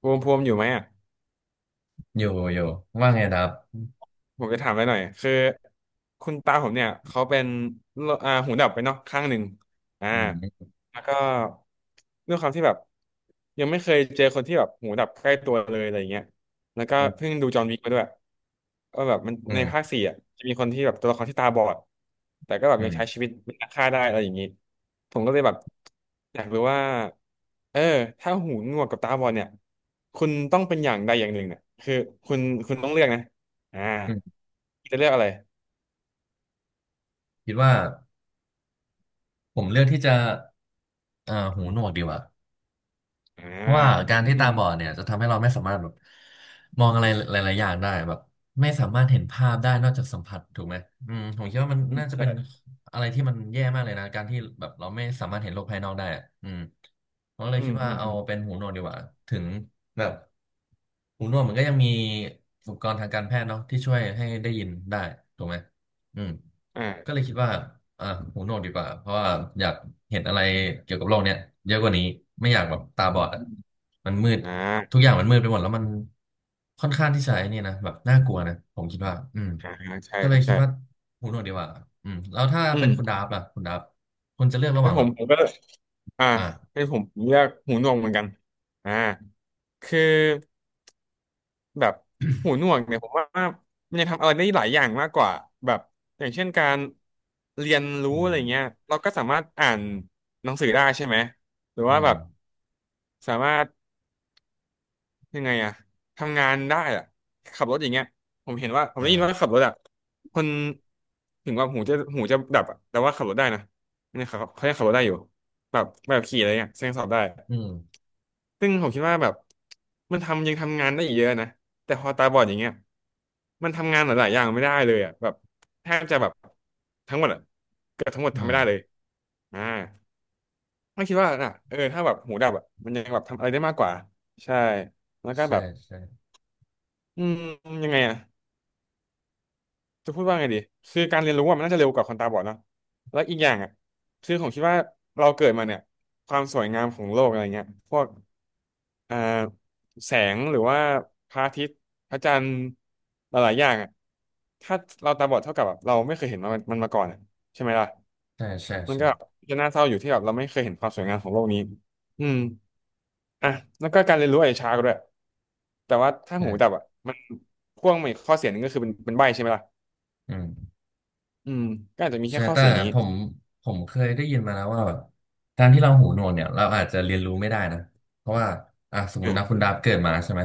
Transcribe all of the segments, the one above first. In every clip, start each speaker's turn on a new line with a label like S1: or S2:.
S1: ภูมิอยู่ไหมอ่ะ
S2: อยู่อยู่ว่าไงดับ
S1: ผมจะถามไปหน่อยคือคุณตาผมเนี่ยเขาเป็นโรหูดับไปเนาะข้างหนึ่งอ่า
S2: อืม
S1: แล้วก็ด้วยความที่แบบยังไม่เคยเจอคนที่แบบหูดับใกล้ตัวเลยอะไรอย่างเงี้ยแล้วก็
S2: อืม
S1: เพิ่งดูจอห์นวิกมาด้วยก็แบบมัน
S2: อื
S1: ในภาค
S2: ม
S1: สี่อ่ะจะมีคนที่แบบตัวละครที่ตาบอดแต่ก็แบบ
S2: อื
S1: ยังใช้
S2: ม
S1: ชีวิตเป็นนักฆ่าได้อะไรอย่างงี้ผมก็เลยแบบอยากรู้ว่าเออถ้าหูหนวกกับตาบอดเนี่ยคุณต้องเป็นอย่างใดอย่างหนึ่งเนี่ยคือคุณคุณต้องเลือกนะ อ่า
S2: อืม
S1: จะเลือกอะไร
S2: คิดว่าผมเลือกที่จะหูหนวกดีกว่า
S1: อ่า
S2: เพราะว่าการที่
S1: อื
S2: ตา
S1: ม
S2: บอดเนี่ยจะทำให้เราไม่สามารถแบบมองอะไรหลายๆอย่างได้แบบไม่สามารถเห็นภาพได้นอกจากสัมผัสถูกไหมอืมผมคิดว่ามัน
S1: อืม
S2: น่าจะ
S1: ใช่
S2: เป็นอะไรที่มันแย่มากเลยนะการที่แบบเราไม่สามารถเห็นโลกภายนอกได้อะอืมผมก็เลย
S1: อื
S2: คิ
S1: ม
S2: ดว่า
S1: อืม
S2: เอา
S1: อืม
S2: เป็นหูหนวกดีกว่าถึงแบบหูหนวกมันก็ยังมีอุปกรณ์ทางการแพทย์เนาะที่ช่วยให้ได้ยินได้ถูกไหมอืม
S1: อ่า
S2: ก็เลยคิดว่าอ่าหูหนวกดีกว่าเพราะว่าอยากเห็นอะไรเกี่ยวกับโลกเนี้ยเยอะกว่านี้ไม่อยากแบบตาบอดอ่ะ
S1: อืม
S2: มันมืด
S1: อ่า
S2: ทุกอย่างมันมืดไปหมดแล้วมันค่อนข้างที่จะไอ้นี่นะแบบน่ากลัวนะผมคิดว่าอืม
S1: อ่าใช่
S2: ก็เลยคิ
S1: ใช่
S2: ดว่าหูหนวกดีกว่าอืมแล้วถ้า
S1: อื
S2: เป็นคุณ
S1: ม
S2: ดาฟล่ะคุณดาฟคุณจะเลือกระห
S1: ให้
S2: ว่าง
S1: ผ
S2: แบ
S1: ม
S2: บ
S1: ผมก็อ่า
S2: อ่า
S1: ให้ผมเลือกหูหนวกเหมือนกันอ่าคือแบบหูหนวกเนี่ยผมว่ามันยังทำอะไรได้หลายอย่างมากกว่าแบบอย่างเช่นการเรียนรู้
S2: อื
S1: อะไร
S2: ม
S1: เงี้ยเราก็สามารถอ่านหนังสือได้ใช่ไหมหรือ
S2: อื
S1: ว่าแบ
S2: ม
S1: บสามารถ ยังไงอะทำงานได้อะขับรถอย่างเงี้ยผมเห็นว่าผมได้ยิ
S2: อ่า
S1: นว่าขับรถอะคนถึงว่าหูจะดับอะแต่ว่าขับรถได้นะเนี่ยเขายังขับรถได้อยู่แบบขี่อะไรเงี้ยยังสอบได้
S2: อืม
S1: ซึ่งผมคิดว่าแบบมันยังทำงานได้อีกเยอะนะแต่พอตาบอดอย่างเงี้ยมันทำงานหลายๆอย่างไม่ได้เลยอะแบบแทบจะแบบทั้งหมดอะเกือบทั้งหมด
S2: อื
S1: ทำไม่
S2: ม
S1: ได้เลยอ่าไม่คิดว่าน่ะถ้าแบบหูดับอะมันยังแบบทำอะไรได้มากกว่าใช่แล้วก็
S2: ใช่
S1: แบบ
S2: ใช่
S1: อืมยังไงอ่ะจะพูดว่าไงดีคือการเรียนรู้อะมันน่าจะเร็วกว่าคนตาบอดเนาะแล้วอีกอย่างอ่ะคือผมคิดว่าเราเกิดมาเนี่ยความสวยงามของโลกอะไรเงี้ยพวกอ่าแสงหรือว่าพระอาทิตย์พระจันทร์หลายๆอย่างอ่ะถ้าเราตาบอดเท่ากับแบบเราไม่เคยเห็นมันมาก่อนอะใช่ไหมล่ะ
S2: ใช่ใช่
S1: มัน
S2: ใช่
S1: ก็จะน่าเศร้าอยู่ที่แบบเราไม่เคยเห็นความสวยงามของโลกนี้อืม อ่ะแล้วก็การเรียนรู้อาจจะช้ากว่าด้วยแต่ว่าถ้าหูดับ
S2: ใช่
S1: อ่ะมันพ่วงมาอีกข้อเสียหนึงก็คือเป็นใบ้ใช่ไหมล่ะ
S2: อืม
S1: อืมก็อาจจะมีแค่
S2: ใช่
S1: ข้อ
S2: แต่
S1: เสียนี้
S2: ผมผมเคยได้ยินมาแล้วว่าแบบการที่เราหูหนวกเนี่ยเราอาจจะเรียนรู้ไม่ได้นะเพราะว่าอ่ะสมม
S1: เอ
S2: ติ
S1: อ
S2: นะคุณดาบเกิดมาใช่ไหม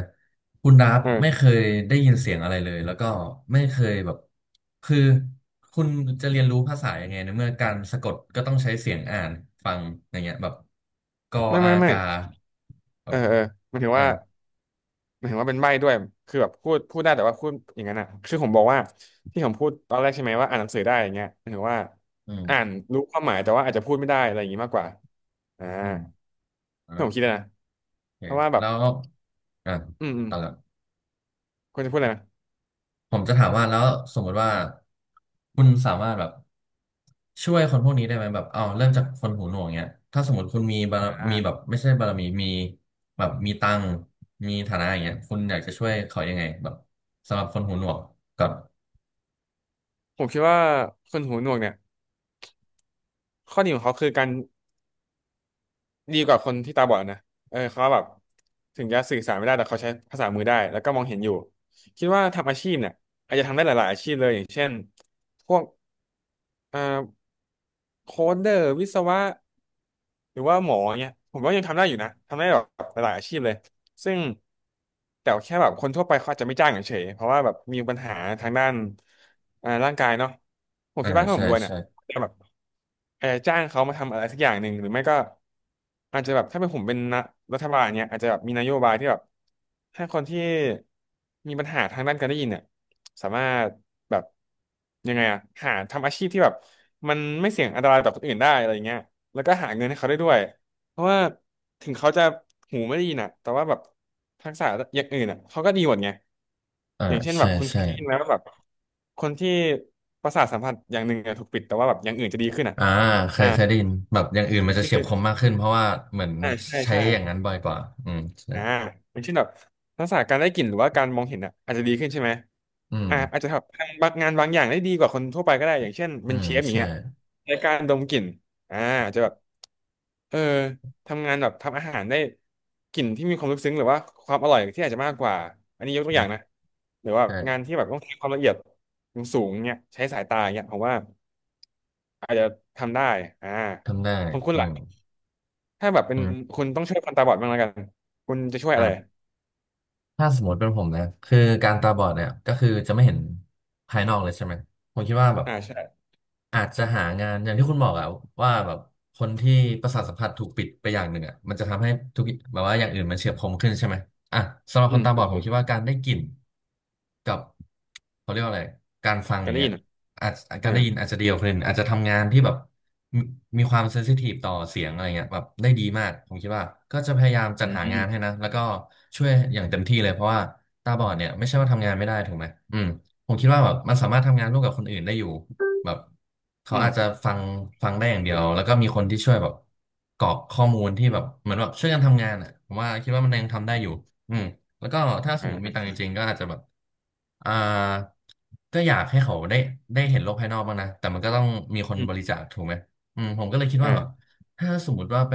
S2: คุณดาบ
S1: เออ
S2: ไม่เคยได้ยินเสียงอะไรเลยแล้วก็ไม่เคยแบบคือคุณจะเรียนรู้ภาษายังไงในเมื่อการสะกดก็ต้องใช้เสียงอ่านฟังอย่างเงี้ยแบบกอ
S1: ไม่
S2: อา
S1: ไม่ไม่
S2: กาแบ
S1: เอ
S2: บ
S1: อเออหมันถือ
S2: อ่า
S1: ว่าหมันถือว่าเป็นใบ้ด้วยคือแบบพูดได้แต่ว่าพูดอย่างนั้นอ่ะคือผมบอกว่าที่ผมพูดตอนแรกใช่ไหมว่าอ่านหนังสือได้อย่างเงี้ยหมันถือว่า
S2: อืม
S1: อ่านรู้ความหมายแต่ว่าอาจจะพูดไม่ได้อะไรอย่างงี้มากกว่าอ่า
S2: อืมอ่า
S1: ที่ผมคิดนะ
S2: โอเค
S1: เพราะว่าแบบ
S2: แล้วอ่ะ
S1: อืมอืม
S2: ต่อละ
S1: ควรจะพูดอะไรนะ
S2: ผมจะถามว่าแล้วสมมติว่าคุณสามารถแบบช่วยคนพวกนี้ได้ไหมแบบเอาเริ่มจากคนหูหนวกเนี้ยถ้าสมมติคุณมีบาร
S1: อ่า
S2: มีแบบไม่ใช่บารมีแบบมีตังค์มีฐานะอย่างเงี้ยคุณอยากจะช่วยเขายังไงแบบสำหรับคนหูหนวกก่อน
S1: ผมคิดว่าคนหูหนวกเนี่ยข้อดีของเขาคือการ ดีกว่าคนที่ตาบอดนะเขาแบบถึงจะสื่อสารไม่ได้แต่เขาใช้ภาษามือได้แล้วก็มองเห็นอยู่คิดว่าทำอาชีพเนี่ยอาจจะทำได้หลายๆอาชีพเลยอย่างเช่นพวกเอ่อโค้ดเดอร์วิศวะหรือว่าหมอเนี่ยผมว่ายังทำได้อยู่นะทำได้แบบหลายๆอาชีพเลยซึ่งแต่แค่แบบคนทั่วไปเขาอาจจะไม่จ้างเฉยๆเพราะว่าแบบมีปัญหาทางด้านร่างกายเนาะผม
S2: อ่า
S1: คิดว่าถ้าผ
S2: ใช่
S1: มรวยเนี่ย
S2: ใช่
S1: จะแบบจ้างเขามาทำอะไรสักอย่างหนึ่ง หรือไม่ก็อาจจะแบบถ้าเป็นผมเป็นนะรัฐบาลเนี่ยอาจจะแบบมีนโยบายที่แบบให้คนที่มีปัญหาทางด้านการได้ยินเนี่ยสามารถแบบยังไงอะหาทำอาชีพที่แบบมันไม่เสี่ยงอันตรายต่อคนอื่นได้อะไรเงี้ยแล้วก็หาเงินให้เขาได้ด้วย เพราะว่าถึงเขาจะหูไม่ไดีนอ่ะแต่ว่าแบบทักษะอย่างอื่นอ่ะเขาก็ดีหมดไง
S2: อ่า
S1: อย่างเช่นแบ
S2: ใช่
S1: บคุณเค
S2: ใช่
S1: ยได้ยินไหมว่าแบบคนที่ประสาทสัมผัสอย่างหนึ่งอะถูกปิดแต่ว่าแบบอย่างอื่นจะดีขึ้นอ่ะ
S2: อ่าเค
S1: อ่า
S2: ยเคยได้ยินแบบอย่างอื่นมันจะ
S1: คื
S2: เฉียบคม
S1: อ
S2: มากขึ้นเพราะว่าเหมือน
S1: อ่าใช่
S2: ใช้
S1: ใช่
S2: อย่างนั้นบ่อยกว่าอืมใช่
S1: อ่าอย่างเช่นแบบทักษะการได้กลิ่นหรือว่าการมองเห็นอ่ะอาจจะดีขึ้นใช่ไหม
S2: อืม
S1: อาจจะแบบทำบางงานบางอย่างได้ดีกว่าคนทั่วไปก็ได้อย่างเช่น
S2: อื
S1: เป็น
S2: ม
S1: เชฟอย่าง
S2: ใช่
S1: เงี้ยในการดมกลิ่นอ่าอาจจะแบบเออทำงานแบบทำอาหารได้กลิ่นที่มีความลึกซึ้งหรือว่าความอร่อยที่อาจจะมากกว่าอันนี้ยกตัวอย่างนะหรือว่างาน
S2: ใช่
S1: ที่แบบต้องใช้ความละเอียดสูงๆเนี่ยใช้สายตาเนี่ยผมว่าอาจจะทำได้อ่า
S2: ทำได้
S1: ของคุณ
S2: อื
S1: ล่ะ
S2: ม
S1: ถ้าแบบเป็น
S2: อืม
S1: คุณต้องช่วยคนตาบอดบ้างแล้วกันคุณจะช่วยอะไร
S2: อ่า ถ้าสมมติเป็นผมนะคือการตาบอดเนี่ยก็คือจะไม่เห็นภายนอกเลยใช่ไหมผมคิดว่าแบบ
S1: อ่าใช่
S2: อาจจะหางานอย่างที่คุณบอกอะว่าแบบคนที่ประสาทสัมผัสถูกปิดไปอย่างหนึ่งอะมันจะทำให้ทุกแบบว่าอย่างอื่นมันเฉียบคมขึ้นใช่ไหมอ่ะสำหรับ
S1: อื
S2: คน
S1: ม
S2: ตาบ
S1: ถู
S2: อ
S1: ก
S2: ดผม
S1: ถูก
S2: คิดว่าการได้กลิ่นกับเขาเรียกว่าอะไรการฟังอ
S1: กัน
S2: ย่าง
S1: ได้
S2: เงี้ย
S1: ยินอ่ะ
S2: อาจ
S1: เอ
S2: กา
S1: อ
S2: รได้ยินอาจจะเดียวาคนอื่นอาจจะทำงานที่แบบ มีมีความเซนซิทีฟต่อเสียงอะไรเงี้ยแบบได้ดีมากผมคิดว่าก็จะพยายามจั
S1: อื
S2: ด
S1: ม
S2: หา
S1: อืม
S2: งานให้นะแล้วก็ช่วยอย่างเต็มที่เลยเพราะว่าตาบอดเนี่ยไม่ใช่ว่าทำงานไม่ได้ถูกไหมอืมผมคิดว่าแบบมันสามารถทำงานร่วมกับคนอื่นได้อยู่แบบเขา
S1: อืม
S2: อาจจะฟังได้อย่างเดียวแล้วก็มีคนที่ช่วยแบบกรอกข้อมูลที่แบบเหมือนแบบช่วยกันทำงานอ่ะผมว่าคิดว่ามันยังทำได้อยู่อืมแล้วก็ถ้าสมมติมีตังค์
S1: อ่า
S2: จริงๆก็อาจจะแบบอ่าก็อยากให้เขาได้ได้เห็นโลกภายนอกบ้างนะแต่มันก็ต้องมีคน
S1: อืม
S2: บริจาคถูกไหม อืมผมก็เลยคิดว่าแบบ
S1: อ่า
S2: ถ้าสมมติว่าไป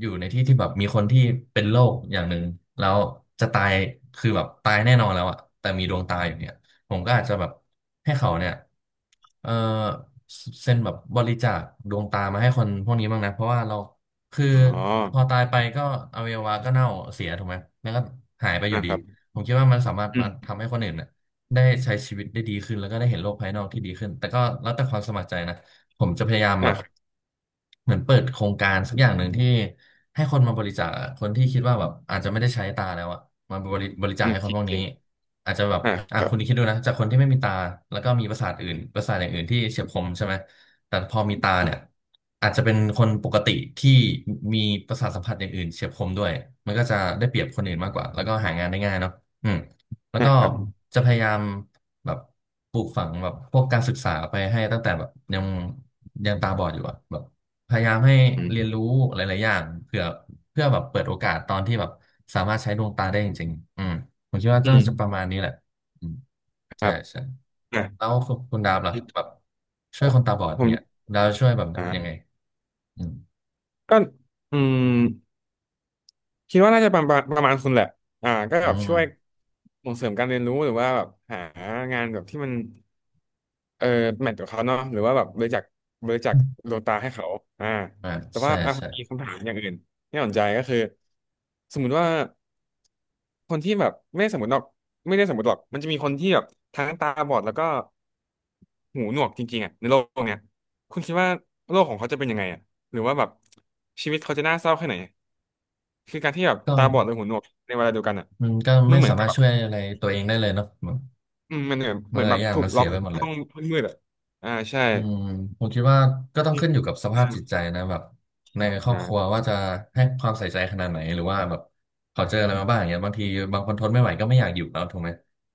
S2: อยู่ในที่ที่แบบมีคนที่เป็นโรคอย่างหนึ่งแล้วจะตายคือแบบตายแน่นอนแล้วอะแต่มีดวงตาอยู่เนี่ยผมก็อาจจะแบบให้เขาเนี่ยเออเซ็นแบบบริจาคดวงตามาให้คนพวกนี้บ้างนะเพราะว่าเราคือ
S1: อ๋อ
S2: พอตายไปก็อวัยวะก็เน่าเสียถูกไหมแล้วก็หายไปอยู่
S1: อ่าค
S2: ดี
S1: รับ
S2: ผมคิดว่ามันสามารถ
S1: อื
S2: มา
S1: ม
S2: ทำให้คนอื่นเนี่ยได้ใช้ชีวิตได้ดีขึ้นแล้วก็ได้เห็นโลกภายนอกที่ดีขึ้นแต่ก็แล้วแต่ความสมัครใจนะ ผมจะพยายาม
S1: อ่า
S2: แบบ
S1: ครับ
S2: เหมือนเปิดโครงการสักอย่างหนึ่งที่ให้คนมาบริจาคอะคนที่คิดว่าแบบอาจจะไม่ได้ใช้ตาแล้วอะมาบริบริจาค
S1: อืม
S2: ให้คน
S1: คิด
S2: พวก
S1: จ
S2: นี้
S1: ริง
S2: อาจจะแบบ
S1: อ่า
S2: อ่ะ
S1: ครับ
S2: คุณคิดดูนะจากคนที่ไม่มีตาแล้วก็มีประสาทอื่นประสาทอย่างอื่นที่เฉียบคมใช่ไหมแต่พอมีตาเนี่ยอาจจะเป็นคนปกติที่มีประสาทสัมผัสอย่างอื่นเฉียบคมด้วยมันก็จะได้เปรียบคนอื่นมากกว่าแล้วก็หางานได้ง่ายเนาะอืม แล้ว
S1: อ่า
S2: ก็
S1: ครับ
S2: จะพยายามแบบปลูกฝังแบบพวกการศึกษาไปให้ตั้งแต่แบบยังยังตาบอดอยู่อะแบบพยายามให้
S1: อืม
S2: เรียนรู้หลายๆอย่างเพื่อแบบเปิดโอกาสตอนที่แบบสามารถใช้ดวงตาได้จริงๆอืมผมคิดว่า
S1: อื
S2: น่าจะป
S1: ม
S2: ระมาณนี้แหละอืม
S1: ครั
S2: ใช่
S1: บ
S2: ใช่
S1: อ่า
S2: แล้วคุณดาบล่ะแบบช่วยคนตาบอด
S1: ผ
S2: อย่าง
S1: ม
S2: เงี้ยดาวช่วยแบบยัง
S1: อ่า
S2: ไงอืม
S1: ก็อืมคิดว่าน่าจะประมาณคุณแหละก็
S2: อื
S1: แบบ
S2: ม
S1: ช่วยส่งเสริมการเรียนรู้หรือว่าแบบหางานแบบที่มัน เออแมทกับเขาเนาะหรือว่าแบบบริจาคบริจาคดวงตาให้เขาอ่า
S2: อ่า
S1: แต่
S2: ใช่
S1: ว่าอ่ะ
S2: ใช่
S1: มีคำถามอย่างอื่นที่น่าสนใจก็คือสมมุติว่าคนที่แบบไม่ได้สมมติหรอกมันจะมีคนที่แบบทั้งตาบอดแล้วก็หูหนวกจริงๆอ่ะในโลกเนี้ยคุณคิดว่าโลกของเขาจะเป็นยังไงอ่ะหรือว่าแบบชีวิตเขาจะน่าเศร้าแค่ไหนคือการที่แบบ
S2: ก็
S1: ตาบอดหรือหูหนวกในเวลาเดียวกันอ่ะ
S2: มันก็
S1: มั
S2: ไม่
S1: นเหมือ
S2: สา
S1: นกั
S2: มา
S1: บ
S2: รถ
S1: แบบ
S2: ช่วยอะไรตัวเองได้เลยเนาะมัน
S1: อืมมันเหมือนเหมือ
S2: ห
S1: น
S2: ลา
S1: แบ
S2: ย
S1: บ
S2: อย่าง
S1: ถู
S2: มั
S1: ก
S2: น
S1: ล็
S2: เสี
S1: อ
S2: ย
S1: ก
S2: ไปหมดเลย
S1: ห้องมืดอ่ะอ่าใช่
S2: อืมผมคิดว่าก็ต้องขึ้นอยู่กับสภาพจิตใจนะแบบในครอ
S1: อ่
S2: บครัว
S1: า
S2: ว่าจะให้ความใส่ใจขนาดไหนหรือว่าแบบเขาเจออะไรมาบ้างอย่างเงี้ยบางทีบางคนทนไม่ไหวก็ไม่อยากอยู่แล้วถูกไหม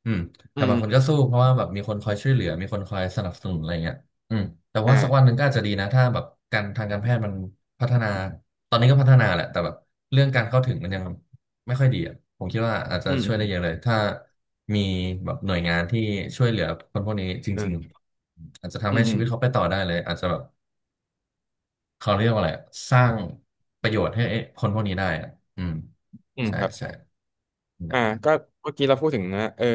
S2: อืม
S1: อื
S2: แต่บางคนก็
S1: ม
S2: สู้เพราะว่าแบบมีคนคอยช่วยเหลือมีคนคอยสนับสนุนอะไรเงี้ยอืมแต่ว่าสักวัน
S1: อ่า
S2: หนึ่งก็อาจจะดีนะถ้าแบบการทางการแพทย์มันพัฒนาตอนนี้ก็พัฒนาแหละแต่แบบเรื่องการเข้าถึงมันยัง ไม่ค่อยดีอ่ะผมคิดว่าอาจจะ
S1: อื
S2: ช่วยได้
S1: ม
S2: เยอะเลยถ้ามีแบบหน่วยงานที่ช่วยเหลือคนพวกนี้จ
S1: อื
S2: ริง
S1: ม
S2: ๆอาจจะ
S1: อื
S2: ทำให้
S1: มอื
S2: ชี
S1: ม
S2: วิตเขาไปต่อได้เลยอาจจะแบบเขาเรียกว่าอะไรอะสร้างประโยชน์ให้คนพวกนี้ได้อ่ะอืม
S1: อืม
S2: ใช่
S1: ครับ
S2: ใช่
S1: อ่า
S2: นะ
S1: ก็เมื่อกี้เราพูดถึงนะ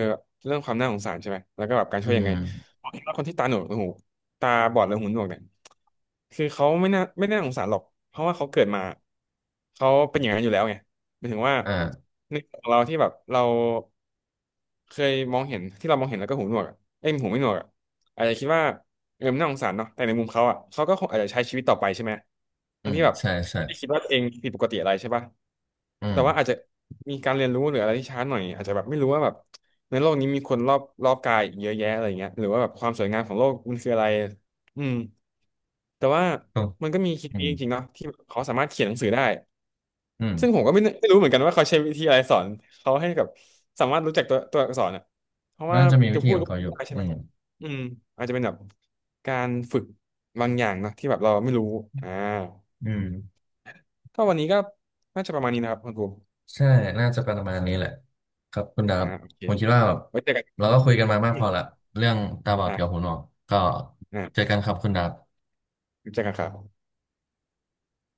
S1: เรื่องความน่าสงสารใช่ไหมแล้วก็แบบการ
S2: อื
S1: ช่วยยังไง
S2: ม
S1: ผมคิดว่าคนที่ตาบอดหรือหูหนวกเนี่ยคือเขาไม่น่าสงสารหรอกเพราะว่าเขาเกิดมาเขาเป็นอย่างนั้นอยู่แล้วไงหมายถึงว่า
S2: อ่า
S1: ในของเราที่แบบเราเคยมองเห็นที่เรามองเห็นแล้วก็หูหนวกอะเอ้ยหูไม่หนวกอะอาจจะคิดว่ามันน่าสงสารเนาะแต่ในมุมเขาอ่ะเขาก็คงอาจจะใช้ชีวิตต่อไปใช่ไหม
S2: อื
S1: ทั้ง
S2: ม
S1: ที่แบบ
S2: ใช่ใช่
S1: ไม่ได้คิดว่าตัวเองผิดปกติอะไรใช่ปะ
S2: อื
S1: แต่ว่าอาจ
S2: ม
S1: จะมีการเรียนรู้หรืออะไรที่ช้าหน่อยอาจจะแบบไม่รู้ว่าแบบในโลกนี้มีคนรอบกายอีกเยอะแยะอะไรเงี้ยหรือว่าแบบความสวยงามของโลกมันคืออะไรอืมแต่ว่า
S2: ถูก
S1: มันก็มีเคส
S2: อื
S1: นี้
S2: ม
S1: จริงๆเนาะที่เขาสามารถเขียนหนังสือได้
S2: อืม
S1: ซึ่งผมก็ไม่รู้เหมือนกันว่าเขาใช้วิธีอะไรสอนเขาให้กับสามารถรู้จักตัวอักษรอ่ะเพราะว่า
S2: น่าจะมีวิ
S1: จะ
S2: ธี
S1: พูด
S2: ของ
S1: ก็
S2: เขา
S1: พู
S2: อ
S1: ด
S2: ยู่
S1: ได้ใช่
S2: อื
S1: ไหม
S2: ม
S1: อืมอาจจะเป็นแบบการฝึกบางอย่างเนอะที่แบบเราไม่รู้อ่า
S2: อืม
S1: ก็วันนี้ก็น่าจะประมาณนี้นะครับคุณครู
S2: ใช่น่าจะประมาณนี้แหละครับคุณดา
S1: อ่า
S2: บ
S1: โอเค
S2: ผมคิดว่าแบบ
S1: ไว้เจอกัน
S2: เราก็คุยกันมามากพอละเรื่องตาบอดกับหู
S1: อ่ะ
S2: หนวกก็เจอ
S1: อ่ะ
S2: กันครับคุณดาบ
S1: รู้จักกับเขา